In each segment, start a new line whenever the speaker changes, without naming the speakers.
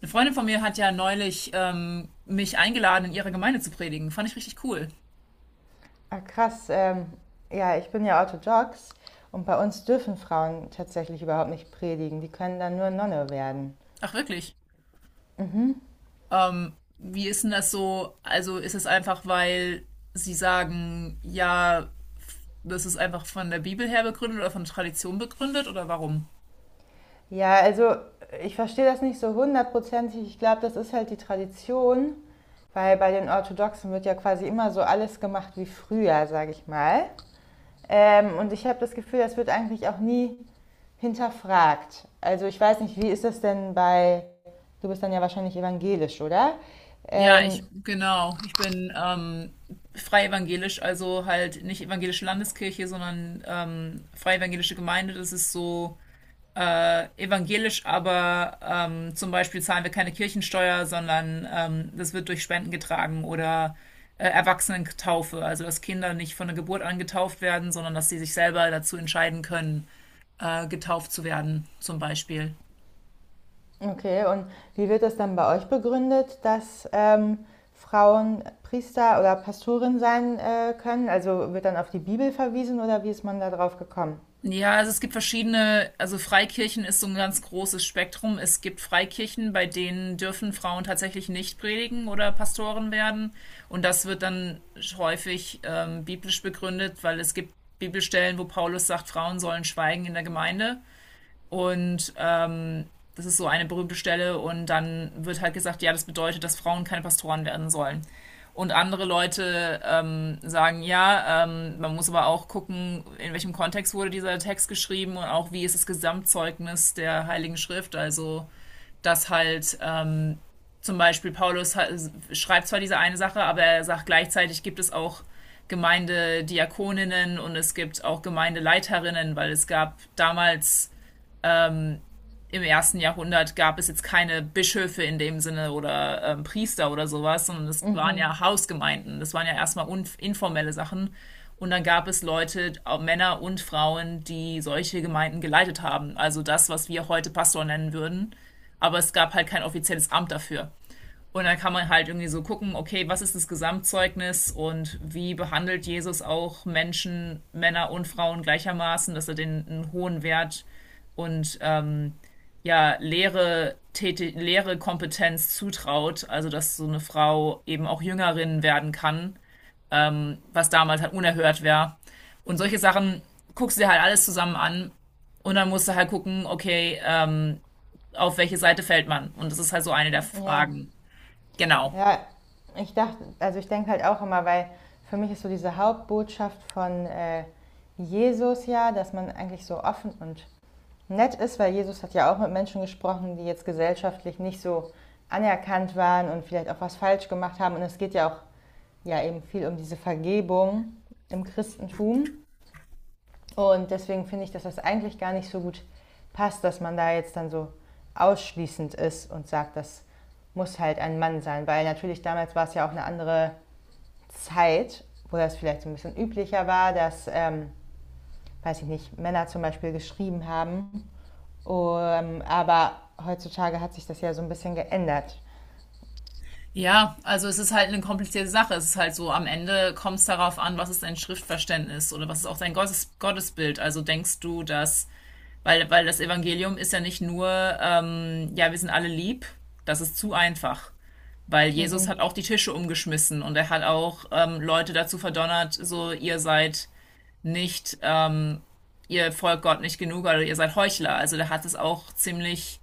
Eine Freundin von mir hat ja neulich mich eingeladen, in ihrer Gemeinde zu predigen. Fand ich richtig cool.
Ah, krass. Ja, ich bin ja orthodox und bei uns dürfen Frauen tatsächlich überhaupt nicht predigen. Die können dann nur Nonne werden.
Ach, wirklich.
Mhm.
Wie ist denn das so? Also ist es einfach, weil sie sagen, ja, das ist einfach von der Bibel her begründet oder von Tradition begründet oder warum?
Ja, also ich verstehe das nicht so hundertprozentig. Ich glaube, das ist halt die Tradition, weil bei den Orthodoxen wird ja quasi immer so alles gemacht wie früher, sage ich mal. Und ich habe das Gefühl, das wird eigentlich auch nie hinterfragt. Also ich weiß nicht, wie ist das denn bei, du bist dann ja wahrscheinlich evangelisch, oder?
Ja, ich,
Ähm,
genau. Ich bin frei evangelisch, also halt nicht evangelische Landeskirche, sondern frei evangelische Gemeinde. Das ist so evangelisch, aber zum Beispiel zahlen wir keine Kirchensteuer, sondern das wird durch Spenden getragen oder Erwachsenentaufe, also dass Kinder nicht von der Geburt an getauft werden, sondern dass sie sich selber dazu entscheiden können, getauft zu werden, zum Beispiel.
Okay, und wie wird das dann bei euch begründet, dass Frauen Priester oder Pastorin sein können? Also wird dann auf die Bibel verwiesen oder wie ist man da drauf gekommen?
Ja, also es gibt verschiedene, also Freikirchen ist so ein ganz großes Spektrum. Es gibt Freikirchen, bei denen dürfen Frauen tatsächlich nicht predigen oder Pastoren werden. Und das wird dann häufig biblisch begründet, weil es gibt Bibelstellen, wo Paulus sagt, Frauen sollen schweigen in der Gemeinde. Und das ist so eine berühmte Stelle. Und dann wird halt gesagt, ja, das bedeutet, dass Frauen keine Pastoren werden sollen. Und andere Leute sagen, ja, man muss aber auch gucken, in welchem Kontext wurde dieser Text geschrieben und auch wie ist das Gesamtzeugnis der Heiligen Schrift. Also, dass halt zum Beispiel Paulus schreibt zwar diese eine Sache, aber er sagt gleichzeitig gibt es auch Gemeindediakoninnen und es gibt auch Gemeindeleiterinnen, weil es gab damals im ersten Jahrhundert gab es jetzt keine Bischöfe in dem Sinne oder Priester oder sowas, sondern es waren
Mhm.
ja Hausgemeinden. Das waren ja erstmal informelle Sachen. Und dann gab es Leute, auch Männer und Frauen, die solche Gemeinden geleitet haben. Also das, was wir heute Pastor nennen würden. Aber es gab halt kein offizielles Amt dafür. Und dann kann man halt irgendwie so gucken, okay, was ist das Gesamtzeugnis und wie behandelt Jesus auch Menschen, Männer und Frauen gleichermaßen, dass er den einen hohen Wert und ja, leere Kompetenz zutraut, also dass so eine Frau eben auch Jüngerin werden kann, was damals halt unerhört wäre. Und solche Sachen guckst du dir halt alles zusammen an und dann musst du halt gucken, okay, auf welche Seite fällt man? Und das ist halt so eine der
Ja,
Fragen. Genau.
ja, ich dachte, also ich denke halt auch immer, weil für mich ist so diese Hauptbotschaft von Jesus ja, dass man eigentlich so offen und nett ist, weil Jesus hat ja auch mit Menschen gesprochen, die jetzt gesellschaftlich nicht so anerkannt waren und vielleicht auch was falsch gemacht haben. Und es geht ja auch ja eben viel um diese Vergebung im Christentum. Und deswegen finde ich, dass das eigentlich gar nicht so gut passt, dass man da jetzt dann so ausschließend ist und sagt, das muss halt ein Mann sein. Weil natürlich damals war es ja auch eine andere Zeit, wo das vielleicht so ein bisschen üblicher war, dass, weiß ich nicht, Männer zum Beispiel geschrieben haben aber heutzutage hat sich das ja so ein bisschen geändert.
Ja, also es ist halt eine komplizierte Sache. Es ist halt so, am Ende kommt es darauf an, was ist dein Schriftverständnis oder was ist auch dein Gottesbild. Also denkst du, dass, weil das Evangelium ist ja nicht nur, ja, wir sind alle lieb, das ist zu einfach. Weil Jesus hat
Mhm.
auch die Tische umgeschmissen und er hat auch Leute dazu verdonnert, so ihr seid nicht, ihr folgt Gott nicht genug oder ihr seid Heuchler. Also der hat es auch ziemlich,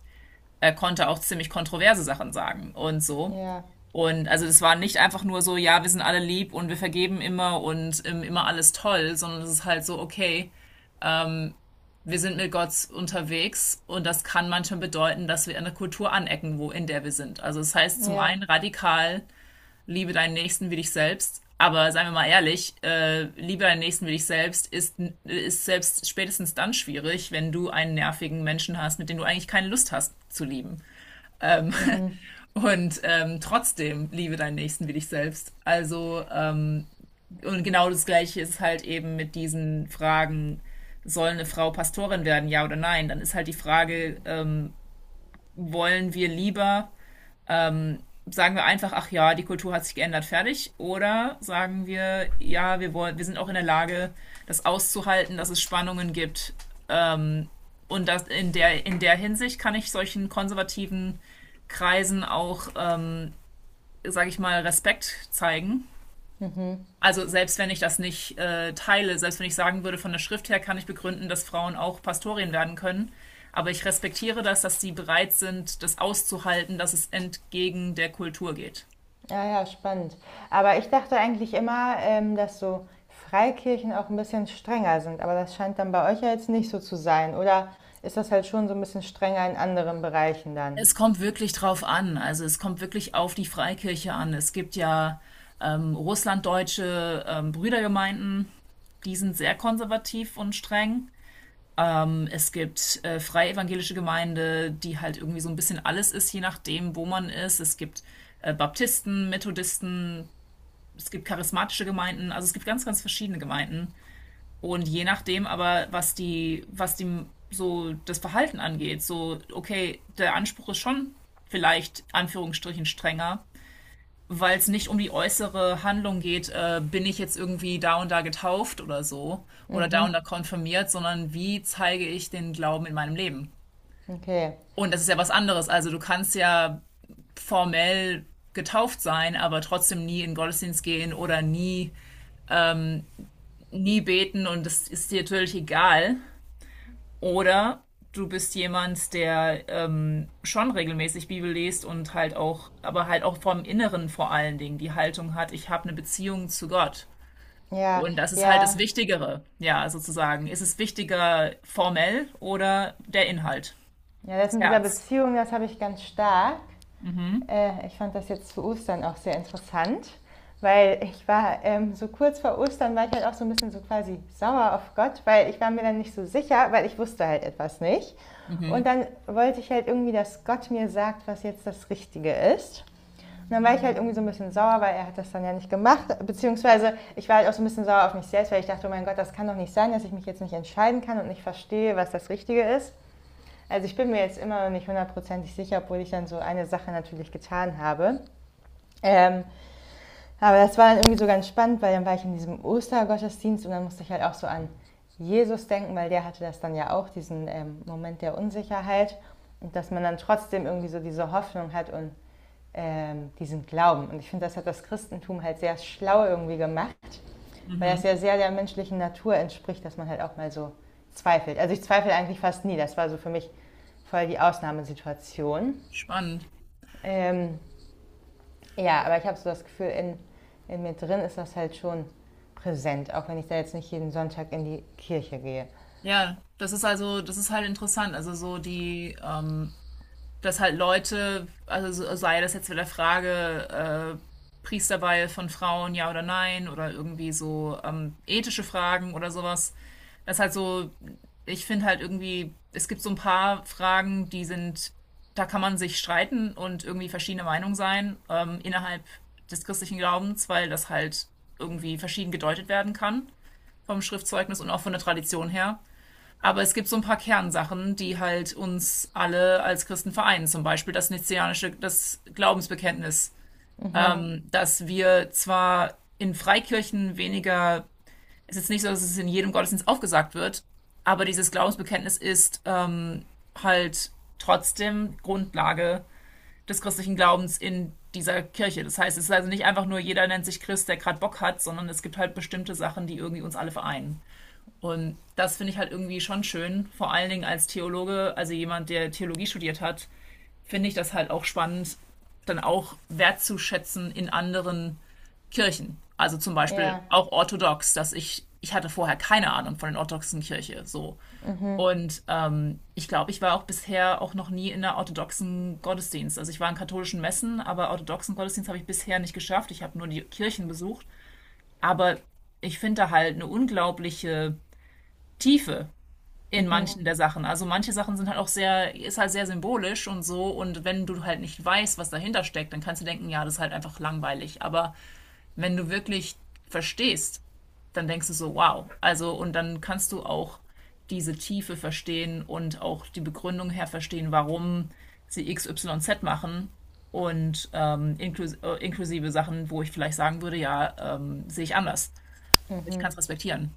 er konnte auch ziemlich kontroverse Sachen sagen und so.
Ja,
Und also das war nicht einfach nur so, ja, wir sind alle lieb und wir vergeben immer und immer alles toll, sondern es ist halt so, okay, wir sind mit Gott unterwegs und das kann manchmal bedeuten, dass wir in der Kultur anecken, wo in der wir sind. Also das heißt zum
ja.
einen radikal, liebe deinen Nächsten wie dich selbst, aber seien wir mal ehrlich, liebe deinen Nächsten wie dich selbst ist selbst spätestens dann schwierig, wenn du einen nervigen Menschen hast, mit dem du eigentlich keine Lust hast zu lieben.
Mhm.
Und trotzdem liebe deinen Nächsten wie dich selbst. Also und genau das Gleiche ist halt eben mit diesen Fragen, soll eine Frau Pastorin werden, ja oder nein? Dann ist halt die Frage, wollen wir lieber, ähm, sagen wir einfach, ach ja, die Kultur hat sich geändert, fertig? Oder sagen wir, ja, wir wollen, wir sind auch in der Lage, das auszuhalten, dass es Spannungen gibt. Ähm, und das in der Hinsicht kann ich solchen konservativen Kreisen auch, sage ich mal, Respekt zeigen,
Mhm.
also selbst wenn ich das nicht teile, selbst wenn ich sagen würde, von der Schrift her kann ich begründen, dass Frauen auch Pastorien werden können. Aber ich respektiere das, dass sie bereit sind, das auszuhalten, dass es entgegen der Kultur geht.
Ja, ja, spannend. Aber ich dachte eigentlich immer, dass so Freikirchen auch ein bisschen strenger sind. Aber das scheint dann bei euch ja jetzt nicht so zu sein. Oder ist das halt schon so ein bisschen strenger in anderen Bereichen dann?
Es kommt wirklich drauf an. Also es kommt wirklich auf die Freikirche an. Es gibt ja russlanddeutsche Brüdergemeinden, die sind sehr konservativ und streng. Es gibt freie evangelische Gemeinde, die halt irgendwie so ein bisschen alles ist, je nachdem, wo man ist. Es gibt Baptisten, Methodisten, es gibt charismatische Gemeinden, also es gibt ganz, ganz verschiedene Gemeinden. Und je nachdem aber, was die so das Verhalten angeht, so, okay, der Anspruch ist schon vielleicht Anführungsstrichen strenger, weil es nicht um die äußere Handlung geht, bin ich jetzt irgendwie da und da getauft oder so oder da
Mhm.
und da konfirmiert, sondern wie zeige ich den Glauben in meinem Leben?
Okay.
Und das ist ja was anderes. Also du kannst ja formell getauft sein, aber trotzdem nie in den Gottesdienst gehen oder nie beten und das ist dir natürlich egal. Oder du bist jemand, der schon regelmäßig Bibel liest und halt auch, aber halt auch vom Inneren vor allen Dingen die Haltung hat, ich habe eine Beziehung zu Gott.
Ja,
Und das ist halt das
ja.
Wichtigere, ja, sozusagen. Ist es wichtiger formell oder der Inhalt,
Ja, das
das
mit dieser
Herz?
Beziehung, das habe ich ganz stark.
Mhm,
Ich fand das jetzt zu Ostern auch sehr interessant, weil ich war so kurz vor Ostern, war ich halt auch so ein bisschen so quasi sauer auf Gott, weil ich war mir dann nicht so sicher, weil ich wusste halt etwas nicht. Und
mhm,
dann wollte ich halt irgendwie, dass Gott mir sagt, was jetzt das Richtige ist. Und dann war ich halt irgendwie so ein bisschen sauer, weil er hat das dann ja nicht gemacht. Beziehungsweise ich war halt auch so ein bisschen sauer auf mich selbst, weil ich dachte, oh mein Gott, das kann doch nicht sein, dass ich mich jetzt nicht entscheiden kann und nicht verstehe, was das Richtige ist. Also ich bin mir jetzt immer noch nicht hundertprozentig sicher, obwohl ich dann so eine Sache natürlich getan habe. Ähm, aber das war dann irgendwie so ganz spannend, weil dann war ich in diesem Ostergottesdienst und dann musste ich halt auch so an Jesus denken, weil der hatte das dann ja auch, diesen Moment der Unsicherheit. Und dass man dann trotzdem irgendwie so diese Hoffnung hat und diesen Glauben. Und ich finde, das hat das Christentum halt sehr schlau irgendwie gemacht, weil das
mhm.
ja sehr der menschlichen Natur entspricht, dass man halt auch mal so zweifelt. Also ich zweifle eigentlich fast nie. Das war so für mich voll die Ausnahmesituation.
Spannend.
Ähm, ja, aber ich habe so das Gefühl, in mir drin ist das halt schon präsent, auch wenn ich da jetzt nicht jeden Sonntag in die Kirche gehe.
Ja, das ist halt interessant. Also so die, dass halt Leute, also sei das jetzt wieder Frage, Priesterweihe von Frauen, ja oder nein, oder irgendwie so ethische Fragen oder sowas. Das ist halt so, ich finde halt irgendwie, es gibt so ein paar Fragen, die sind, da kann man sich streiten und irgendwie verschiedene Meinungen sein innerhalb des christlichen Glaubens, weil das halt irgendwie verschieden gedeutet werden kann vom Schriftzeugnis und auch von der Tradition her. Aber es gibt so ein paar Kernsachen, die halt uns alle als Christen vereinen. Zum Beispiel das nizianische, das Glaubensbekenntnis,
Mhm.
dass wir zwar in Freikirchen weniger, es ist jetzt nicht so, dass es in jedem Gottesdienst aufgesagt wird, aber dieses Glaubensbekenntnis ist halt trotzdem Grundlage des christlichen Glaubens in dieser Kirche. Das heißt, es ist also nicht einfach nur jeder nennt sich Christ, der gerade Bock hat, sondern es gibt halt bestimmte Sachen, die irgendwie uns alle vereinen. Und das finde ich halt irgendwie schon schön, vor allen Dingen als Theologe, also jemand, der Theologie studiert hat, finde ich das halt auch spannend, dann auch wertzuschätzen in anderen Kirchen. Also zum Beispiel
Ja.
auch orthodox, dass ich hatte vorher keine Ahnung von der orthodoxen Kirche. So.
Mhm.
Und ich glaube, ich war auch bisher auch noch nie in einer orthodoxen Gottesdienst. Also ich war in katholischen Messen, aber orthodoxen Gottesdienst habe ich bisher nicht geschafft. Ich habe nur die Kirchen besucht. Aber ich finde da halt eine unglaubliche Tiefe
Mhm.
in
Mhm.
manchen der Sachen. Also manche Sachen sind halt auch sehr, ist halt sehr symbolisch und so. Und wenn du halt nicht weißt, was dahinter steckt, dann kannst du denken, ja, das ist halt einfach langweilig. Aber wenn du wirklich verstehst, dann denkst du so, wow. Also, und dann kannst du auch diese Tiefe verstehen und auch die Begründung her verstehen, warum sie XYZ machen. Und inklusive Sachen, wo ich vielleicht sagen würde, ja, sehe ich anders. Aber ich kann
Mhm.
es respektieren.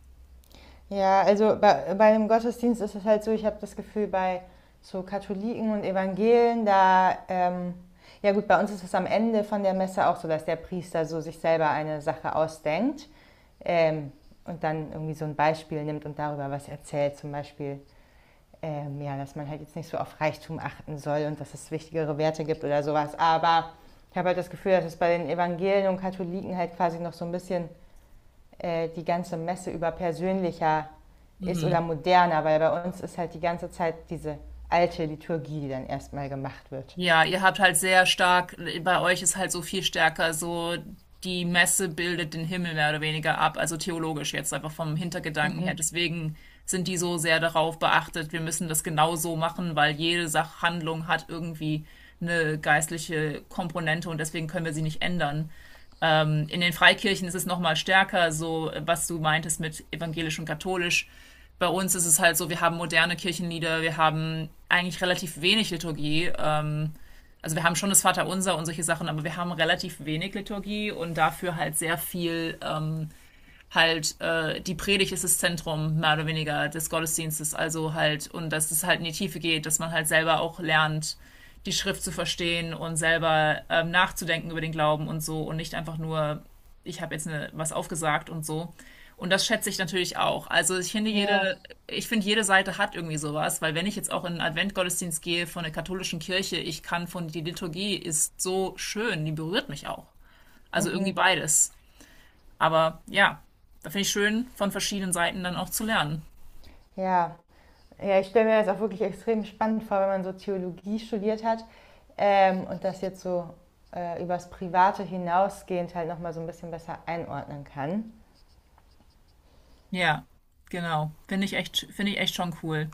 Ja, also bei dem Gottesdienst ist es halt so, ich habe das Gefühl, bei so Katholiken und Evangelen, da, ja gut, bei uns ist es am Ende von der Messe auch so, dass der Priester so sich selber eine Sache ausdenkt, ähm, und dann irgendwie so ein Beispiel nimmt und darüber was erzählt, zum Beispiel, ja, dass man halt jetzt nicht so auf Reichtum achten soll und dass es wichtigere Werte gibt oder sowas, aber ich habe halt das Gefühl, dass es bei den Evangelien und Katholiken halt quasi noch so ein bisschen die ganze Messe über persönlicher ist oder
Mhm.
moderner, weil bei uns ist halt die ganze Zeit diese alte Liturgie, die dann erstmal gemacht wird.
Ja, ihr habt halt sehr stark, bei euch ist halt so viel stärker, so die Messe bildet den Himmel mehr oder weniger ab, also theologisch jetzt einfach vom Hintergedanken her. Deswegen sind die so sehr darauf beachtet, wir müssen das genau so machen, weil jede Sachhandlung hat irgendwie eine geistliche Komponente und deswegen können wir sie nicht ändern. In den Freikirchen ist es nochmal stärker, so was du meintest mit evangelisch und katholisch. Bei uns ist es halt so, wir haben moderne Kirchenlieder, wir haben eigentlich relativ wenig Liturgie, also wir haben schon das Vaterunser und solche Sachen, aber wir haben relativ wenig Liturgie und dafür halt sehr viel die Predigt ist das Zentrum mehr oder weniger des Gottesdienstes, also halt und dass es halt in die Tiefe geht, dass man halt selber auch lernt, die Schrift zu verstehen und selber nachzudenken über den Glauben und so und nicht einfach nur ich habe jetzt eine, was aufgesagt und so. Und das schätze ich natürlich auch. Also ich finde
Ja,
jede, ich finde jede Seite hat irgendwie sowas, weil wenn ich jetzt auch in einen Adventgottesdienst gehe von der katholischen Kirche, ich kann von die Liturgie ist so schön, die berührt mich auch. Also irgendwie
mhm.
beides. Aber ja, da finde ich schön, von verschiedenen Seiten dann auch zu lernen.
Ja. Ja, ich stelle mir das auch wirklich extrem spannend vor, wenn man so Theologie studiert hat und das jetzt so übers Private hinausgehend halt nochmal so ein bisschen besser einordnen kann.
Ja, genau. Finde ich echt schon cool.